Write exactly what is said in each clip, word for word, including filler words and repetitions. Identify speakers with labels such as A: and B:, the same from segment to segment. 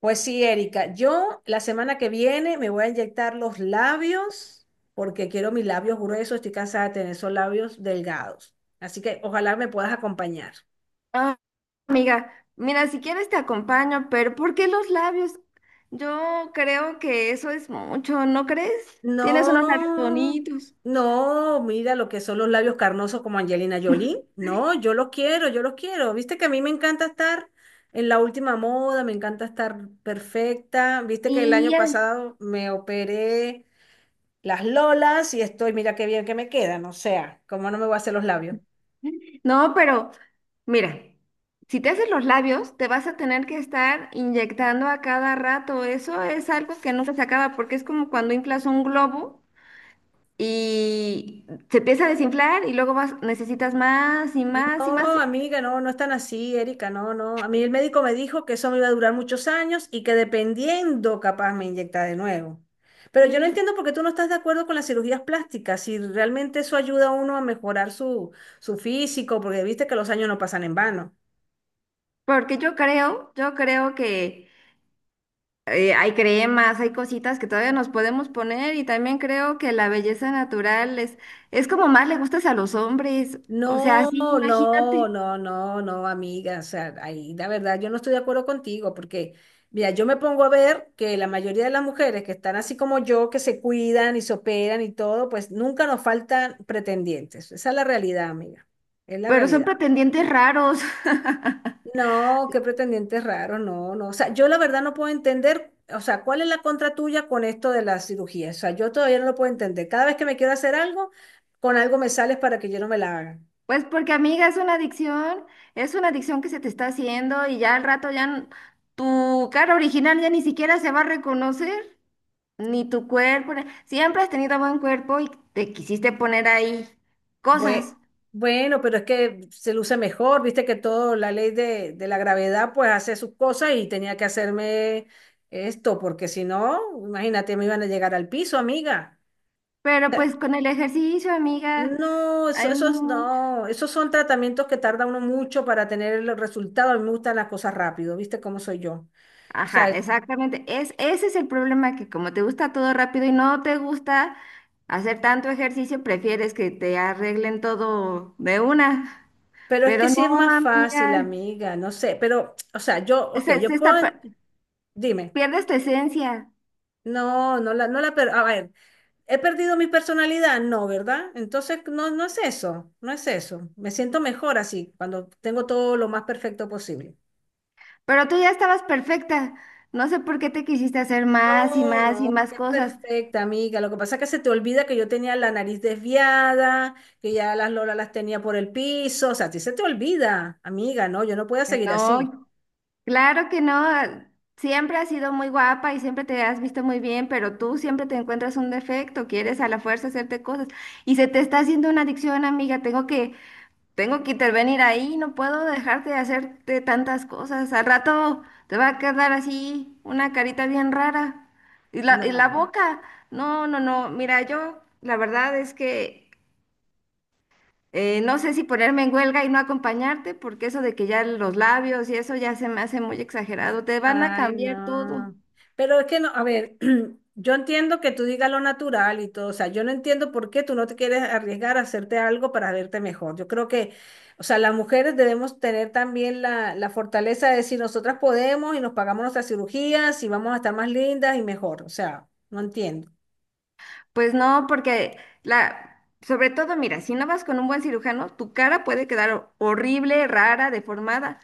A: Pues sí, Erika, yo la semana que viene me voy a inyectar los labios porque quiero mis labios gruesos, estoy cansada de tener esos labios delgados. Así que ojalá me puedas acompañar.
B: Ah, amiga, mira, si quieres te acompaño, pero ¿por qué los labios? Yo creo que eso es mucho, ¿no crees? Tienes
A: No,
B: unos labios bonitos.
A: no, mira lo que son los labios carnosos como Angelina Jolie. No, yo los quiero, yo los quiero. Viste que a mí me encanta estar en la última moda, me encanta estar perfecta. Viste que el
B: Y
A: año
B: al-
A: pasado me operé las lolas y estoy, mira qué bien que me quedan, o sea, cómo no me voy a hacer los labios.
B: No, pero mira, si te haces los labios, te vas a tener que estar inyectando a cada rato. Eso es algo que nunca se acaba porque es como cuando inflas un globo y se empieza a desinflar y luego vas, necesitas más y más y
A: No,
B: más.
A: amiga, no, no es tan así, Erika, no, no. A mí el médico me dijo que eso me iba a durar muchos años y que dependiendo capaz me inyecta de nuevo. Pero yo no entiendo por qué tú no estás de acuerdo con las cirugías plásticas, si realmente eso ayuda a uno a mejorar su, su físico, porque viste que los años no pasan en vano.
B: Porque yo creo, yo creo que eh, hay cremas, hay cositas que todavía nos podemos poner, y también creo que la belleza natural es, es como más le gustas a los hombres, o sea,
A: No,
B: sí,
A: no,
B: imagínate,
A: no, no, no, amiga. O sea, ahí la verdad yo no estoy de acuerdo contigo porque, mira, yo me pongo a ver que la mayoría de las mujeres que están así como yo, que se cuidan y se operan y todo, pues nunca nos faltan pretendientes. Esa es la realidad, amiga. Es la
B: pero son
A: realidad.
B: pretendientes raros.
A: No, qué pretendientes raros, no, no. O sea, yo la verdad no puedo entender, o sea, ¿cuál es la contra tuya con esto de la cirugía? O sea, yo todavía no lo puedo entender. Cada vez que me quiero hacer algo, con algo me sales para que yo no me la haga.
B: Pues porque amiga, es una adicción, es una adicción que se te está haciendo, y ya al rato ya n- tu cara original ya ni siquiera se va a reconocer, ni tu cuerpo, ni- siempre has tenido buen cuerpo y te quisiste poner ahí
A: Bue-
B: cosas.
A: Bueno, pero es que se luce mejor, viste que todo, la ley de, de la gravedad, pues hace sus cosas y tenía que hacerme esto, porque si no, imagínate, me iban a llegar al piso, amiga.
B: Pero pues con el ejercicio, amiga,
A: No, eso,
B: hay
A: esos
B: mucho.
A: no, esos son tratamientos que tarda uno mucho para tener el resultado. A mí me gustan las cosas rápido, viste cómo soy yo. O
B: Ajá,
A: sea,
B: exactamente. Es, ese es el problema, que como te gusta todo rápido y no te gusta hacer tanto ejercicio, prefieres que te arreglen todo de una.
A: pero es que
B: Pero
A: sí
B: no,
A: es más fácil,
B: amiga,
A: amiga, no sé, pero, o sea, yo,
B: se,
A: ok, yo
B: se está
A: puedo,
B: per-
A: dime,
B: pierdes tu esencia.
A: no, no la, no la, per- a ver. ¿He perdido mi personalidad? No, ¿verdad? Entonces, no, no es eso, no es eso. Me siento mejor así, cuando tengo todo lo más perfecto posible.
B: Pero tú ya estabas perfecta. No sé por qué te quisiste hacer más y
A: No,
B: más y
A: no,
B: más
A: qué
B: cosas.
A: perfecta, amiga. Lo que pasa es que se te olvida que yo tenía la nariz desviada, que ya las lolas las tenía por el piso. O sea, a ti se te olvida, amiga, no, yo no puedo seguir
B: No,
A: así.
B: claro que no, ah, siempre has sido muy guapa y siempre te has visto muy bien, pero tú siempre te encuentras un defecto, quieres a la fuerza hacerte cosas y se te está haciendo una adicción, amiga, tengo que, tengo que intervenir ahí, no puedo dejarte de hacerte tantas cosas, al rato te va a quedar así una carita bien rara y la, y la
A: No.
B: boca, no, no, no, mira, yo la verdad es que eh, no sé si ponerme en huelga y no acompañarte, porque eso de que ya los labios y eso ya se me hace muy exagerado. Te van a
A: Ay,
B: cambiar todo.
A: no. Pero es que no, a ver, yo entiendo que tú digas lo natural y todo, o sea, yo no entiendo por qué tú no te quieres arriesgar a hacerte algo para verte mejor. Yo creo que, o sea, las mujeres debemos tener también la, la fortaleza de decir nosotras podemos y nos pagamos nuestras cirugías y vamos a estar más lindas y mejor. O sea, no entiendo.
B: Pues no, porque la, sobre todo, mira, si no vas con un buen cirujano, tu cara puede quedar horrible, rara, deformada.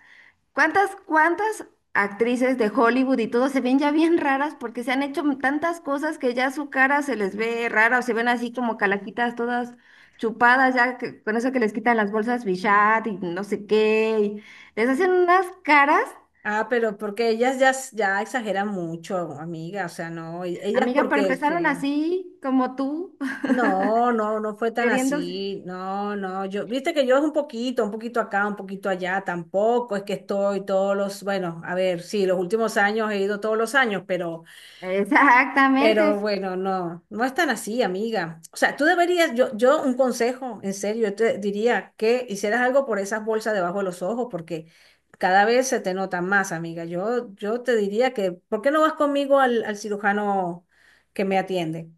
B: ¿Cuántas, ¿cuántas actrices de Hollywood y todo se ven ya bien raras porque se han hecho tantas cosas que ya su cara se les ve rara, o se ven así como calaquitas todas chupadas ya que- con eso que les quitan las bolsas Bichat y no sé qué, y les hacen unas caras,
A: Ah, pero porque ellas ya, ya exageran mucho, amiga, o sea, no, ellas
B: amiga, pero
A: porque
B: empezaron
A: sí.
B: así como tú
A: No, no, no fue tan
B: queriendo.
A: así. No, no, yo, viste que yo es un poquito, un poquito acá, un poquito allá, tampoco es que estoy todos los, bueno, a ver, sí, los últimos años he ido todos los años, pero,
B: Exactamente.
A: pero bueno, no, no es tan así, amiga. O sea, tú deberías, yo, yo un consejo, en serio, yo te diría que hicieras algo por esas bolsas debajo de los ojos, porque cada vez se te nota más, amiga. Yo, yo te diría que, ¿por qué no vas conmigo al, al cirujano que me atiende?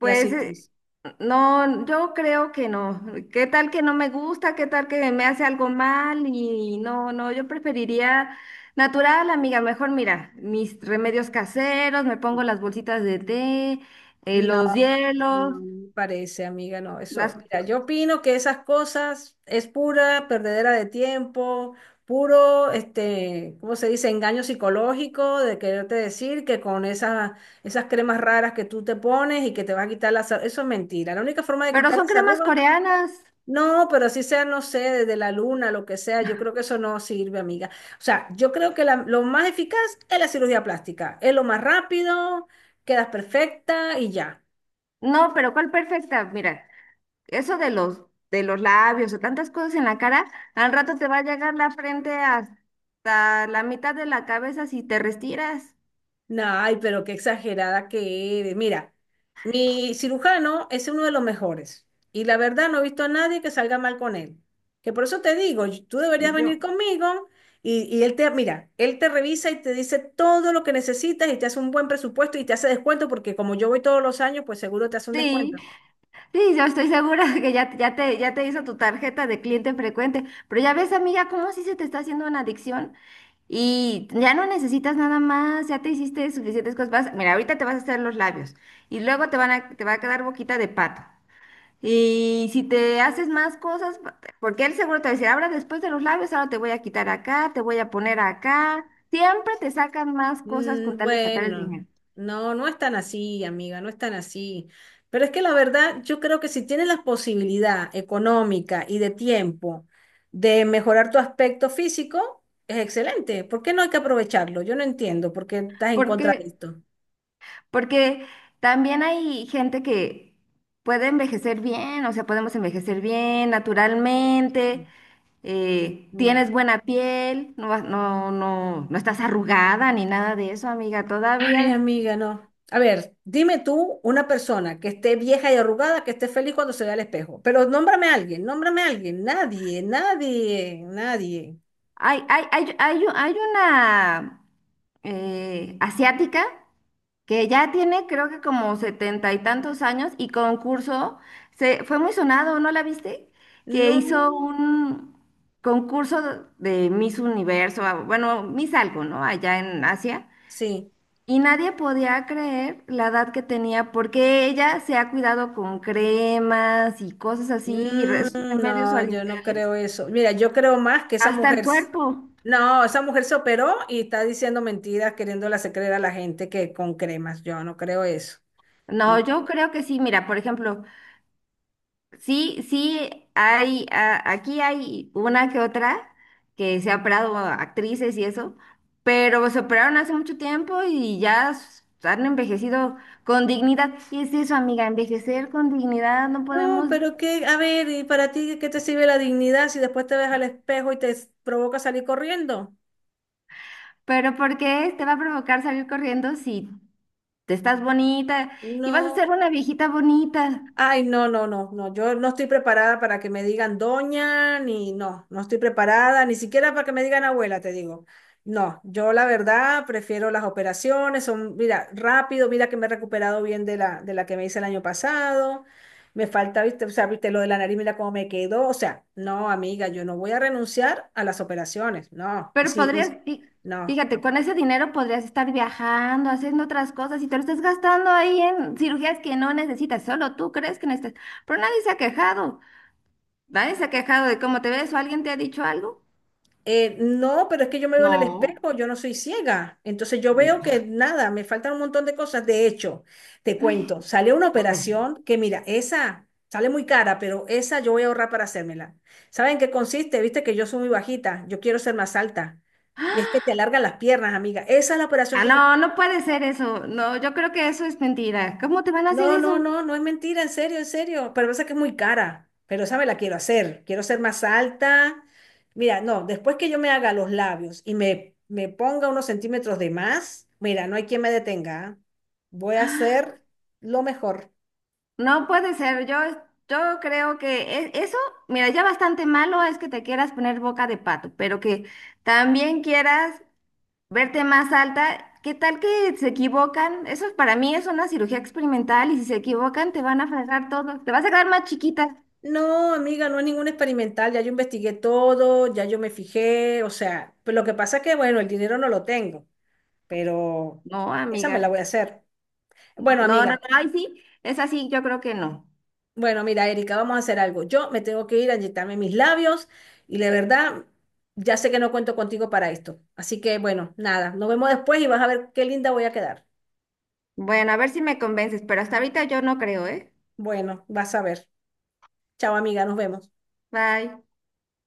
A: Y así tú
B: eh,
A: dices.
B: no, yo creo que no. ¿Qué tal que no me gusta? ¿Qué tal que me hace algo mal? Y no, no, yo preferiría natural, amiga. Mejor mira, mis remedios caseros, me pongo las bolsitas de té, eh,
A: No.
B: los hielos,
A: No me parece, amiga, no, eso,
B: las...
A: mira, yo opino que esas cosas es pura perdedera de tiempo, puro, este, ¿cómo se dice? Engaño psicológico de quererte decir que con esas, esas cremas raras que tú te pones y que te vas a quitar las arrugas, eso es mentira. La única forma de
B: Pero
A: quitar
B: son
A: las
B: cremas
A: arrugas,
B: coreanas.
A: no, pero así sea, no sé, desde la luna, lo que sea, yo creo que eso no sirve, amiga. O sea, yo creo que la- lo más eficaz es la cirugía plástica, es lo más rápido, quedas perfecta y ya.
B: No, pero ¿cuál perfecta? Mira, eso de los, de los labios o tantas cosas en la cara, al rato te va a llegar la frente hasta la mitad de la cabeza si te restiras.
A: No, ay, pero qué exagerada que eres. Mira, mi cirujano es uno de los mejores y la verdad no he visto a nadie que salga mal con él. Que por eso te digo, y- tú deberías
B: Yo,
A: venir conmigo y, y él te, mira, él te revisa y te dice todo lo que necesitas y te hace un buen presupuesto y te hace descuento porque como yo voy todos los años, pues seguro te hace un
B: sí,
A: descuento.
B: sí, yo estoy segura que ya, ya te, ya te hizo tu tarjeta de cliente frecuente, pero ya ves, amiga, cómo sí se te está haciendo una adicción, y ya no necesitas nada más, ya te hiciste suficientes cosas. Vas- mira, ahorita te vas a hacer los labios y luego te van a, te va a quedar boquita de pato. Y si te haces más cosas, pa- porque él seguro te va a decir, ahora después de los labios, ahora te voy a quitar acá, te voy a poner acá. Siempre te sacan más cosas con
A: Mm.
B: tal de sacar el
A: Bueno,
B: dinero.
A: no, no es tan así, amiga, no es tan así. Pero es que la verdad, yo creo que si tienes la posibilidad económica y de tiempo de mejorar tu aspecto físico, es excelente. ¿Por qué no hay que aprovecharlo? Yo no entiendo por qué estás en
B: Porque
A: contra de esto.
B: Porque también hay gente que puede envejecer bien, o sea, podemos envejecer bien naturalmente, eh, tienes
A: No.
B: buena piel, no, vas- no, no, no estás arrugada ni nada de eso, amiga,
A: Ay,
B: todavía.
A: amiga, no. A ver, dime tú una persona que esté vieja y arrugada, que esté feliz cuando se vea al espejo. Pero nómbrame a alguien, nómbrame a alguien. Nadie, nadie, nadie.
B: Hay, hay, hay, hay, hay una eh, asiática que ya tiene creo que como setenta y tantos años, y concurso, se, fue muy sonado, ¿no la viste? Que
A: No.
B: hizo un concurso de Miss Universo, ah, bueno, Miss algo, ¿no? Allá en Asia.
A: Sí.
B: Y nadie podía creer la edad que tenía porque ella se ha cuidado con cremas y cosas así, y re-
A: Mm.
B: esos remedios
A: No, yo no
B: orientales,
A: creo eso. Mira, yo creo más que esa
B: hasta
A: mujer,
B: el
A: s-
B: cuerpo.
A: no, esa mujer se operó y está diciendo mentiras, queriéndole hacer creer a la gente que con cremas. Yo no creo eso.
B: No,
A: No.
B: yo creo que sí, mira, por ejemplo, sí, sí, hay, a- aquí hay una que otra que se ha operado actrices y eso, pero se operaron hace mucho tiempo y ya s- han envejecido con dignidad. Y es eso, amiga, envejecer con dignidad no
A: No,
B: podemos,
A: pero que, a ver, ¿y para ti qué te sirve la dignidad si después te ves al espejo y te s- provoca salir corriendo?
B: pero ¿por qué te va a provocar salir corriendo si te estás bonita y vas a
A: No.
B: ser una viejita bonita?
A: Ay, no, no, no, no, yo no estoy preparada para que me digan doña, ni no, no estoy preparada, ni siquiera para que me digan abuela, te digo. No, yo la verdad prefiero las operaciones, son, mira, rápido, mira que me he recuperado bien de la, de la que me hice el año pasado, me falta, viste, o sea, viste lo de la nariz, mira cómo me quedó, o sea, no, amiga, yo no voy a renunciar a las operaciones, no, y
B: Pero
A: sí,
B: podrías,
A: y,
B: fí-
A: no.
B: fíjate, con ese dinero podrías estar viajando, haciendo otras cosas, y te lo estás gastando ahí en cirugías que no necesitas, solo tú crees que necesitas. Pero nadie se ha quejado, nadie se ha quejado de cómo te ves, o alguien te ha dicho algo.
A: Eh, no, pero es que yo me veo en el
B: No,
A: espejo, yo no soy ciega. Entonces yo
B: mm,
A: veo que nada, me faltan un montón de cosas. De hecho, te cuento, sale una
B: a ver,
A: operación que mira, esa sale muy cara, pero esa yo voy a ahorrar para hacérmela. ¿Saben qué consiste? Viste que yo soy muy bajita, yo quiero ser más alta. Y es que te alargan las piernas, amiga. Esa es la operación
B: ah,
A: que yo.
B: no, no puede ser eso. No, yo creo que eso es mentira. ¿Cómo te van a hacer
A: No, no,
B: eso?
A: no, no es mentira, en serio, en serio. Pero pasa que es muy cara. Pero esa me la quiero hacer. Quiero ser más alta. Mira, no, después que yo me haga los labios y me, me ponga unos centímetros de más, mira, no hay quien me detenga. ¿Ah? Voy a hacer lo mejor.
B: No puede ser. Yo, yo creo que e- eso, mira, ya bastante malo es que te quieras poner boca de pato, pero que también quieras verte más alta, ¿qué tal que se equivocan? Eso para mí es una cirugía experimental y si se equivocan te van a fracasar todo, te vas a quedar más chiquita.
A: No, amiga, no es ningún experimental. Ya yo investigué todo, ya yo me fijé. O sea, pues lo que pasa es que, bueno, el dinero no lo tengo, pero
B: No,
A: esa me la
B: amiga,
A: voy a hacer. Bueno,
B: no, no, no,
A: amiga.
B: ay, sí, es así, yo creo que no.
A: Bueno, mira, Erika, vamos a hacer algo. Yo me tengo que ir a inyectarme mis labios y la verdad, ya sé que no cuento contigo para esto. Así que bueno, nada, nos vemos después y vas a ver qué linda voy a quedar.
B: Bueno, a ver si me convences, pero hasta ahorita yo no creo, ¿eh?
A: Bueno, vas a ver. Chao, amiga, nos vemos.
B: Bye.